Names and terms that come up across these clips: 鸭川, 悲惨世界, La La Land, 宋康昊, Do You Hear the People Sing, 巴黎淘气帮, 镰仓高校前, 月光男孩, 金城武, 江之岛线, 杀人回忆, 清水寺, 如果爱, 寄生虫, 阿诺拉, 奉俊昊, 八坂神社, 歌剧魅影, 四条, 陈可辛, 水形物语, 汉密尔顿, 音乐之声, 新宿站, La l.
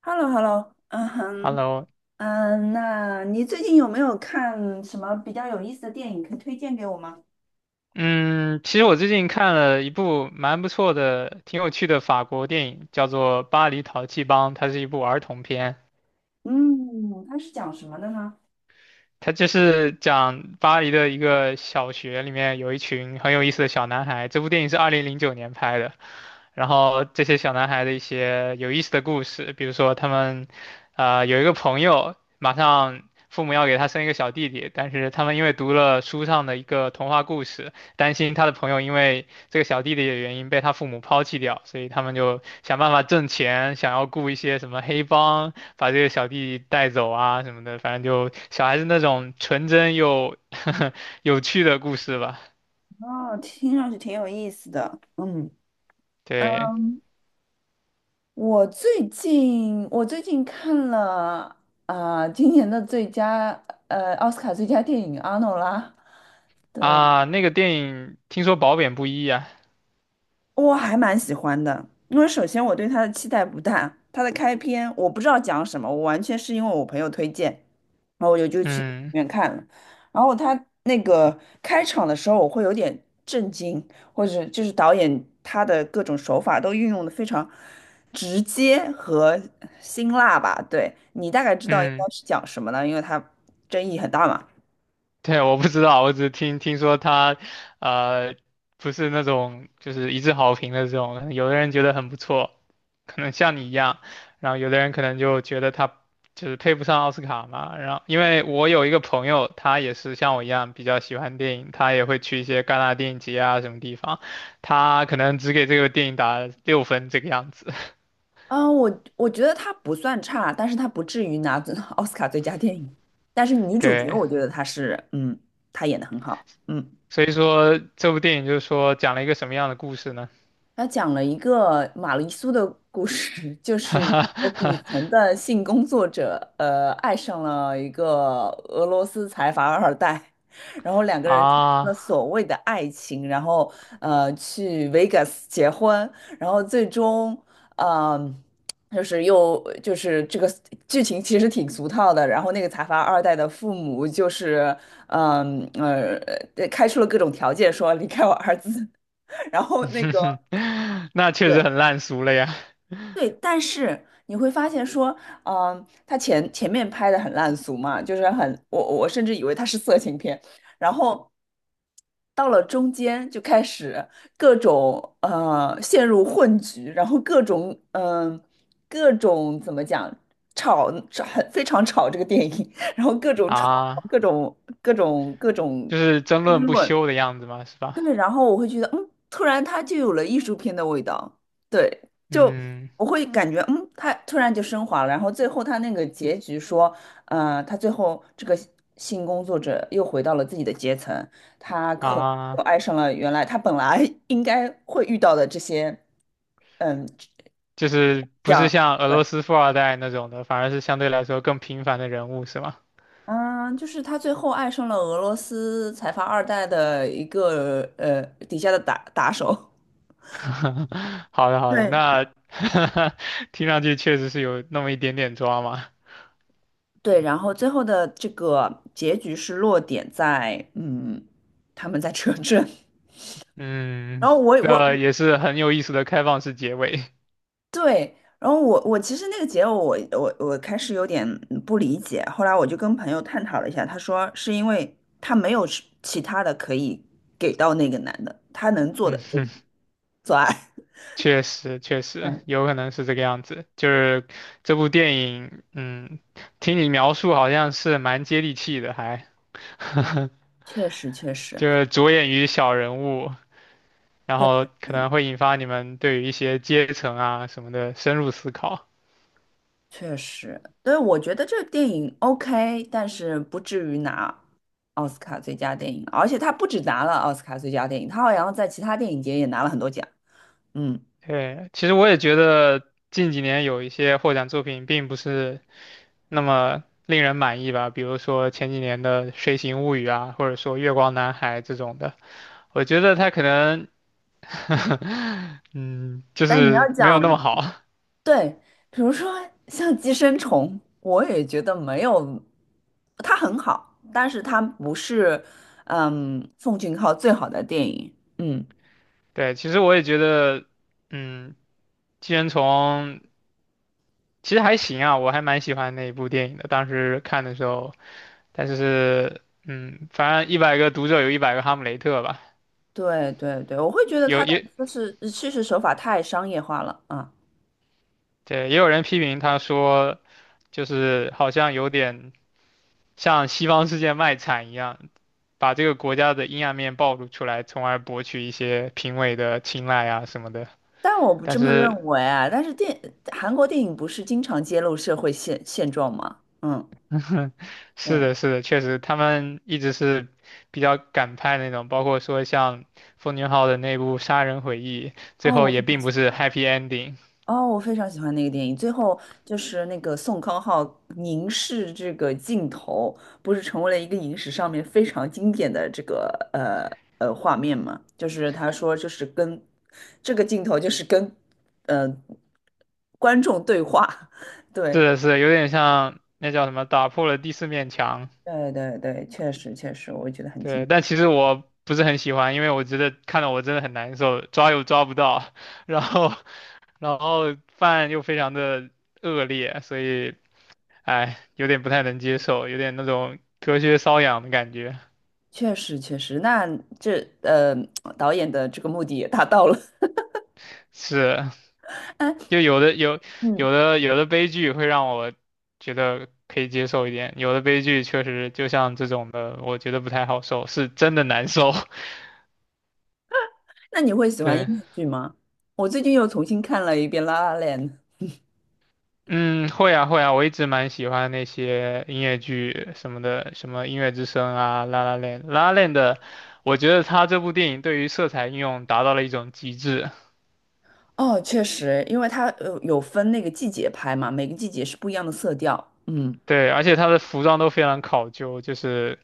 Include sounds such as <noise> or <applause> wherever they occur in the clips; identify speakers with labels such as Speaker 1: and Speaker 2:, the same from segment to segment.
Speaker 1: h e l l o h e l l o 嗯哼，
Speaker 2: Hello,
Speaker 1: 嗯，那你最近有没有看什么比较有意思的电影可以推荐给我吗？
Speaker 2: 嗯，其实我最近看了一部蛮不错的、挺有趣的法国电影，叫做《巴黎淘气帮》，它是一部儿童片。
Speaker 1: 嗯，它是讲什么的呢？
Speaker 2: 他就是讲巴黎的一个小学里面有一群很有意思的小男孩。这部电影是2009年拍的，然后这些小男孩的一些有意思的故事，比如说他们，有一个朋友马上父母要给他生一个小弟弟，但是他们因为读了书上的一个童话故事，担心他的朋友因为这个小弟弟的原因被他父母抛弃掉，所以他们就想办法挣钱，想要雇一些什么黑帮。把这个小弟弟带走啊什么的，反正就小孩子那种纯真又 <laughs> 有趣的故事吧。
Speaker 1: 哦，听上去挺有意思的。嗯，
Speaker 2: 对
Speaker 1: 我最近看了啊、今年的最佳奥斯卡最佳电影《阿诺拉》。
Speaker 2: 啊，那个电影听说褒贬不一啊。
Speaker 1: 我还蛮喜欢的，因为首先我对他的期待不大，他的开篇我不知道讲什么，我完全是因为我朋友推荐，然后我就去里
Speaker 2: 嗯
Speaker 1: 面看了。然后他那个开场的时候，我会有点震惊，或者就是导演他的各种手法都运用的非常直接和辛辣吧。对，你大概知道应该
Speaker 2: 嗯。
Speaker 1: 是讲什么呢，因为他争议很大嘛。
Speaker 2: 对，我不知道，我只是听说他，呃，不是那种就是一致好评的这种，有的人觉得很不错，可能像你一样，然后有的人可能就觉得他就是配不上奥斯卡嘛。然后因为我有一个朋友，他也是像我一样比较喜欢电影，他也会去一些戛纳电影节啊什么地方，他可能只给这个电影打6分这个样子。
Speaker 1: 嗯，我觉得它不算差，但是它不至于拿<laughs> 奥斯卡最佳电影。但是女
Speaker 2: <laughs>
Speaker 1: 主角，
Speaker 2: 对，
Speaker 1: 我觉得她是，她演的很好，
Speaker 2: 所以说这部电影就是说讲了一个什么样的故事呢？
Speaker 1: 他讲了一个玛丽苏的故事，<laughs> 就是一个底
Speaker 2: <laughs>
Speaker 1: 层的性工作者，爱上了一个俄罗斯财阀二代，然后两个人产生了
Speaker 2: 啊。
Speaker 1: 所谓的爱情，然后去 Vegas 结婚，然后最终，嗯、就是又就是这个剧情其实挺俗套的，然后那个财阀二代的父母就是，嗯开出了各种条件说离开我儿子。<laughs> 然后
Speaker 2: <laughs> 那确
Speaker 1: 对，
Speaker 2: 实很烂俗了呀！
Speaker 1: 对，但是你会发现说，他前面拍的很烂俗嘛，就是很，我甚至以为他是色情片，然后到了中间就开始各种陷入混局，然后各种怎么讲吵吵很非常吵这个电影，<laughs> 然后各种吵
Speaker 2: 啊，
Speaker 1: 各种各种
Speaker 2: 就是争
Speaker 1: 争
Speaker 2: 论不
Speaker 1: 论，
Speaker 2: 休的样子嘛，是吧？
Speaker 1: 对，然后我会觉得，突然它就有了艺术片的味道。对，就
Speaker 2: 嗯，
Speaker 1: 我会感觉，它突然就升华了。然后最后它那个结局说，他最后这个性工作者又回到了自己的阶层，他可能又
Speaker 2: 啊，
Speaker 1: 爱上了原来他本来 <laughs> 应该会遇到的这些，嗯，
Speaker 2: 就是
Speaker 1: 这
Speaker 2: 不是
Speaker 1: 样。
Speaker 2: 像俄
Speaker 1: 对。
Speaker 2: 罗斯富二代那种的，反而是相对来说更平凡的人物，是吗？
Speaker 1: 嗯，就是他最后爱上了俄罗斯财阀二代的一个底下的打手。
Speaker 2: <laughs> 好的，好的，
Speaker 1: 对，
Speaker 2: 那 <laughs> 听上去确实是有那么一点点抓嘛。
Speaker 1: 对，然后最后的这个结局是落点在，他们在车震。<laughs>
Speaker 2: 嗯，
Speaker 1: 然后
Speaker 2: 这也是很有意思的开放式结尾。<laughs>
Speaker 1: 对，然后我其实那个结尾我开始有点不理解，后来我就跟朋友探讨了一下，他说是因为他没有是其他的可以给到那个男的，他能做
Speaker 2: 嗯
Speaker 1: 的就是
Speaker 2: 哼
Speaker 1: 做爱。<laughs>
Speaker 2: 确实，确实
Speaker 1: 对，
Speaker 2: 有可能是这个样子。就是这部电影，嗯，听你描述好像是蛮接地气的，还 <laughs>
Speaker 1: 确实确实，
Speaker 2: 就是着眼于小人物，然
Speaker 1: 对，
Speaker 2: 后可
Speaker 1: 对
Speaker 2: 能会引发你们对于一些阶层啊什么的深入思考。
Speaker 1: 确实，对，我觉得这个电影 OK,但是不至于拿奥斯卡最佳电影，而且他不止拿了奥斯卡最佳电影，他好像在其他电影节也拿了很多奖。嗯，
Speaker 2: 对，其实我也觉得近几年有一些获奖作品并不是那么令人满意吧，比如说前几年的《水形物语》啊，或者说《月光男孩》这种的，我觉得他可能。<laughs> 嗯，就
Speaker 1: 但是你
Speaker 2: 是
Speaker 1: 要
Speaker 2: 没有
Speaker 1: 讲，
Speaker 2: 那么好。
Speaker 1: 对，比如说像《寄生虫》，我也觉得没有，他很好，但是他不是，奉俊昊最好的电影。嗯，
Speaker 2: <laughs> 对，其实我也觉得，嗯，寄生虫其实还行啊，我还蛮喜欢那一部电影的，当时看的时候，但是，嗯，反正一百个读者有一百个哈姆雷特吧，
Speaker 1: 对对对，我会觉得
Speaker 2: 有
Speaker 1: 他的
Speaker 2: 也
Speaker 1: 就是叙事手法太商业化了啊。
Speaker 2: 对，也有人批评他说，就是好像有点像西方世界卖惨一样，把这个国家的阴暗面暴露出来，从而博取一些评委的青睐啊什么的。
Speaker 1: 但我不
Speaker 2: 但
Speaker 1: 这么
Speaker 2: 是
Speaker 1: 认为啊。但是韩国电影不是经常揭露社会现状吗？嗯
Speaker 2: 是
Speaker 1: 对。
Speaker 2: 的，是的，确实，他们一直是比较敢拍那种，包括说像奉俊昊的那部《杀人回忆》，最
Speaker 1: 哦，
Speaker 2: 后
Speaker 1: 我
Speaker 2: 也
Speaker 1: 非常
Speaker 2: 并
Speaker 1: 喜
Speaker 2: 不是
Speaker 1: 欢。
Speaker 2: happy ending,
Speaker 1: 哦，我非常喜欢那个电影。最后就是那个宋康昊凝视这个镜头，不是成为了一个影史上面非常经典的这个呃画面吗？就是他说，就是跟这个镜头就是跟呃观众对话。<laughs>
Speaker 2: 是
Speaker 1: 对
Speaker 2: 的，是的，有点像那叫什么打破了第四面墙。
Speaker 1: 对对对，确实确实，我觉得很经
Speaker 2: 对，
Speaker 1: 典。
Speaker 2: 但其实我不是很喜欢，因为我觉得看得我真的很难受，抓又抓不到，<laughs> 然后然后饭又非常的恶劣，所以哎，有点不太能接受，有点那种隔靴搔痒的感觉。
Speaker 1: 确实确实，那这呃导演的这个目的也达到了。
Speaker 2: 是，
Speaker 1: <laughs> 哎，
Speaker 2: 就有的有
Speaker 1: 嗯，
Speaker 2: 有的有的悲剧会让我觉得可以接受一点，有的悲剧确实就像这种的，我觉得不太好受，是真的难受。
Speaker 1: 那你会
Speaker 2: <laughs>
Speaker 1: 喜欢音
Speaker 2: 对，
Speaker 1: 乐剧吗？我最近又重新看了一遍《La l
Speaker 2: 嗯，会啊会啊，我一直蛮喜欢那些音乐剧什么的，什么《音乐之声》啊，《La La Land》《La La n d 的，我觉得他这部电影对于色彩应用达到了一种极致。
Speaker 1: 哦，确实，因为它有分那个季节拍嘛，每个季节是不一样的色调。嗯。
Speaker 2: 对，而且他的服装都非常考究，就是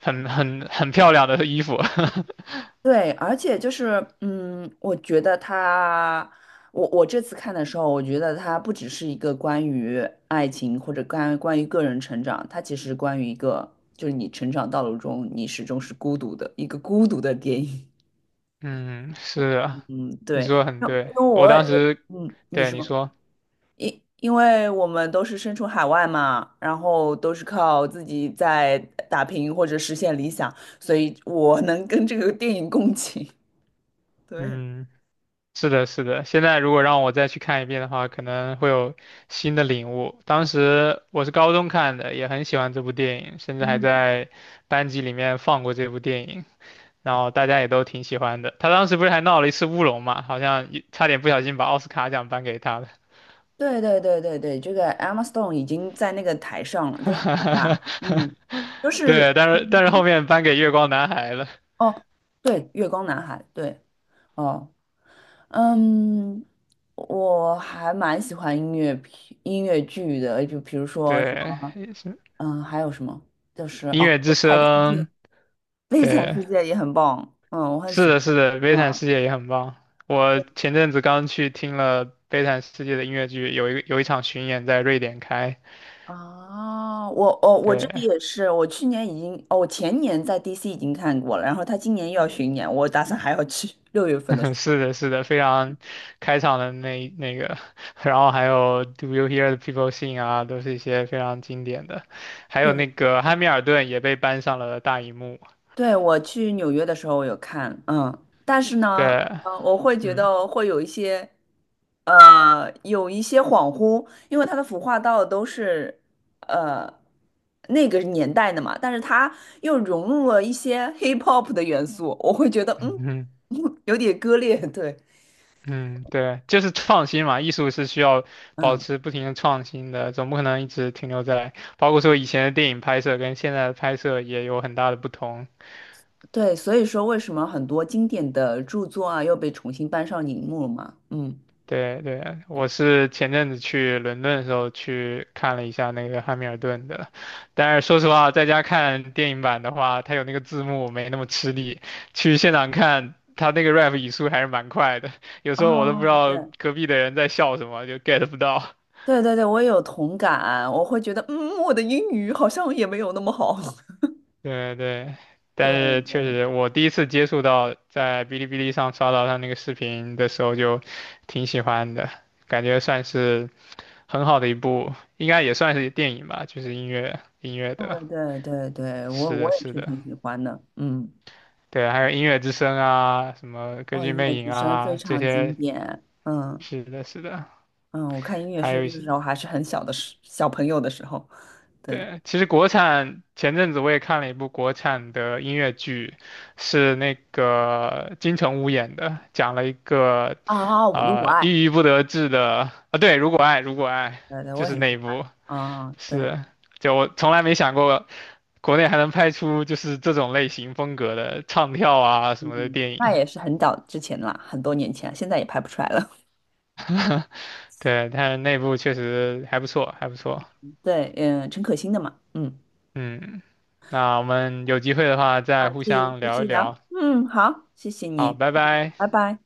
Speaker 2: 很很很漂亮的衣服。<laughs>
Speaker 1: 对，而且就是，我觉得他，我这次看的时候，我觉得他不只是一个关于爱情或者关于个人成长，他其实关于一个就是你成长道路中你始终是孤独的一个孤独的电影。
Speaker 2: 嗯，是
Speaker 1: <laughs>
Speaker 2: 啊。
Speaker 1: 嗯，
Speaker 2: 你说
Speaker 1: 对，
Speaker 2: 的很
Speaker 1: 因因
Speaker 2: 对，
Speaker 1: 为
Speaker 2: 我
Speaker 1: 我
Speaker 2: 当
Speaker 1: 也，
Speaker 2: 时，
Speaker 1: 你
Speaker 2: 对你
Speaker 1: 说，
Speaker 2: 说，
Speaker 1: 因为我们都是身处海外嘛，然后都是靠自己在打拼或者实现理想，所以我能跟这个电影共情。<laughs> 对，
Speaker 2: 嗯，是的，是的。现在如果让我再去看一遍的话，可能会有新的领悟。当时我是高中看的，也很喜欢这部电影，甚至还
Speaker 1: 嗯。
Speaker 2: 在班级里面放过这部电影，然后大家也都挺喜欢的。他当时不是还闹了一次乌龙嘛，好像一差点不小心把奥斯卡奖颁给他了。
Speaker 1: 对对对对对，这个 Emma Stone 已经在那个台上了，就很尴尬。嗯，就
Speaker 2: <laughs>
Speaker 1: 是
Speaker 2: 对，但是后面颁给月光男孩了。
Speaker 1: 哦，对，《月光男孩》对哦，嗯，我还蛮喜欢音乐剧的，就比如说什
Speaker 2: 对，
Speaker 1: 么，
Speaker 2: 也是
Speaker 1: 还有什么就是
Speaker 2: 音
Speaker 1: 哦，
Speaker 2: 乐
Speaker 1: 《悲
Speaker 2: 之
Speaker 1: 惨世界》，
Speaker 2: 声，
Speaker 1: 《悲惨
Speaker 2: 对。
Speaker 1: 世界》也很棒，我很
Speaker 2: 是
Speaker 1: 喜欢。
Speaker 2: 的，是的，悲惨
Speaker 1: 嗯。
Speaker 2: 世界也很棒。我前阵子刚去听了悲惨世界的音乐剧，有一个有一场巡演在瑞典开。
Speaker 1: 哦，我这里
Speaker 2: 对，
Speaker 1: 也是，我前年在 DC 已经看过了，然后他今年又要巡演，我打算还要去六月份的时
Speaker 2: <laughs>
Speaker 1: 候。
Speaker 2: 是的，是的，非常开场的那个，<laughs> 然后还有 Do You Hear the People Sing 啊，都是一些非常经典的。还有
Speaker 1: 对，
Speaker 2: 那个汉密尔顿也被搬上了大荧幕。
Speaker 1: 对，我去纽约的时候我有看，但是呢，
Speaker 2: 对，
Speaker 1: 我会觉
Speaker 2: 嗯，
Speaker 1: 得会有一些，有一些恍惚，因为他的服化道都是，呃，那个年代的嘛，但是他又融入了一些 hip hop 的元素，我会觉得，
Speaker 2: <laughs>
Speaker 1: <laughs> 有点割裂，对，
Speaker 2: 嗯，对，就是创新嘛，艺术是需要保
Speaker 1: 嗯。
Speaker 2: 持不停的创新的，总不可能一直停留在，包括说以前的电影拍摄跟现在的拍摄也有很大的不同。
Speaker 1: 对，所以说为什么很多经典的著作啊又被重新搬上荧幕了嘛？嗯，
Speaker 2: 对对，我是前阵子去伦敦的时候去看了一下那个汉密尔顿的，但是说实话，在家看电影版的话，它有那个字幕没那么吃力，去现场看它那个 rap 语速还是蛮快的，有时候我都不知
Speaker 1: 哦，对，
Speaker 2: 道隔壁的人在笑什么，就 get 不到。
Speaker 1: 对对对，我也有同感，我会觉得，我的英语好像也没有那么好。<laughs>
Speaker 2: 对对，但
Speaker 1: 对
Speaker 2: 是确
Speaker 1: 对
Speaker 2: 实，我第一次接触到在哔哩哔哩上刷到他那个视频的时候，就挺喜欢的，感觉算是很好的一部，应该也算是电影吧，就是音乐的，
Speaker 1: 对对对对，我
Speaker 2: 是
Speaker 1: 我
Speaker 2: 的，
Speaker 1: 也
Speaker 2: 是
Speaker 1: 是
Speaker 2: 的，
Speaker 1: 挺喜欢的，
Speaker 2: 对，还有音乐之声啊，什么歌
Speaker 1: 哦，
Speaker 2: 剧
Speaker 1: 音乐
Speaker 2: 魅影
Speaker 1: 之声非
Speaker 2: 啊，这
Speaker 1: 常经
Speaker 2: 些，
Speaker 1: 典，
Speaker 2: 是的，是的，
Speaker 1: 嗯，我看音乐之
Speaker 2: 还有一
Speaker 1: 声的
Speaker 2: 些，
Speaker 1: 时候还是很小的时，小朋友的时候，对
Speaker 2: 对，其实国产前阵子我也看了一部国产的音乐剧，是那个金城武演的，讲了一个
Speaker 1: 啊，我如果爱，
Speaker 2: 郁郁不得志的啊，对，如果爱，如果爱，
Speaker 1: 对对，
Speaker 2: 就
Speaker 1: 我也
Speaker 2: 是
Speaker 1: 很
Speaker 2: 那
Speaker 1: 喜
Speaker 2: 一
Speaker 1: 欢，
Speaker 2: 部，
Speaker 1: 啊，对。
Speaker 2: 是，就我从来没想过国内还能拍出就是这种类型风格的唱跳啊什么的
Speaker 1: 嗯，
Speaker 2: 电
Speaker 1: 那
Speaker 2: 影，
Speaker 1: 也是很早之前啦，很多年前，现在也拍不出来了。
Speaker 2: 对，但是那部确实还不错，还不错，
Speaker 1: <laughs> 对，陈可辛的嘛，
Speaker 2: 嗯，那我们有机会的话再
Speaker 1: 好，
Speaker 2: 互
Speaker 1: 继
Speaker 2: 相
Speaker 1: 继
Speaker 2: 聊一
Speaker 1: 续聊，
Speaker 2: 聊，
Speaker 1: 好，谢谢
Speaker 2: 好，
Speaker 1: 你，
Speaker 2: 拜
Speaker 1: 拜
Speaker 2: 拜。
Speaker 1: 拜。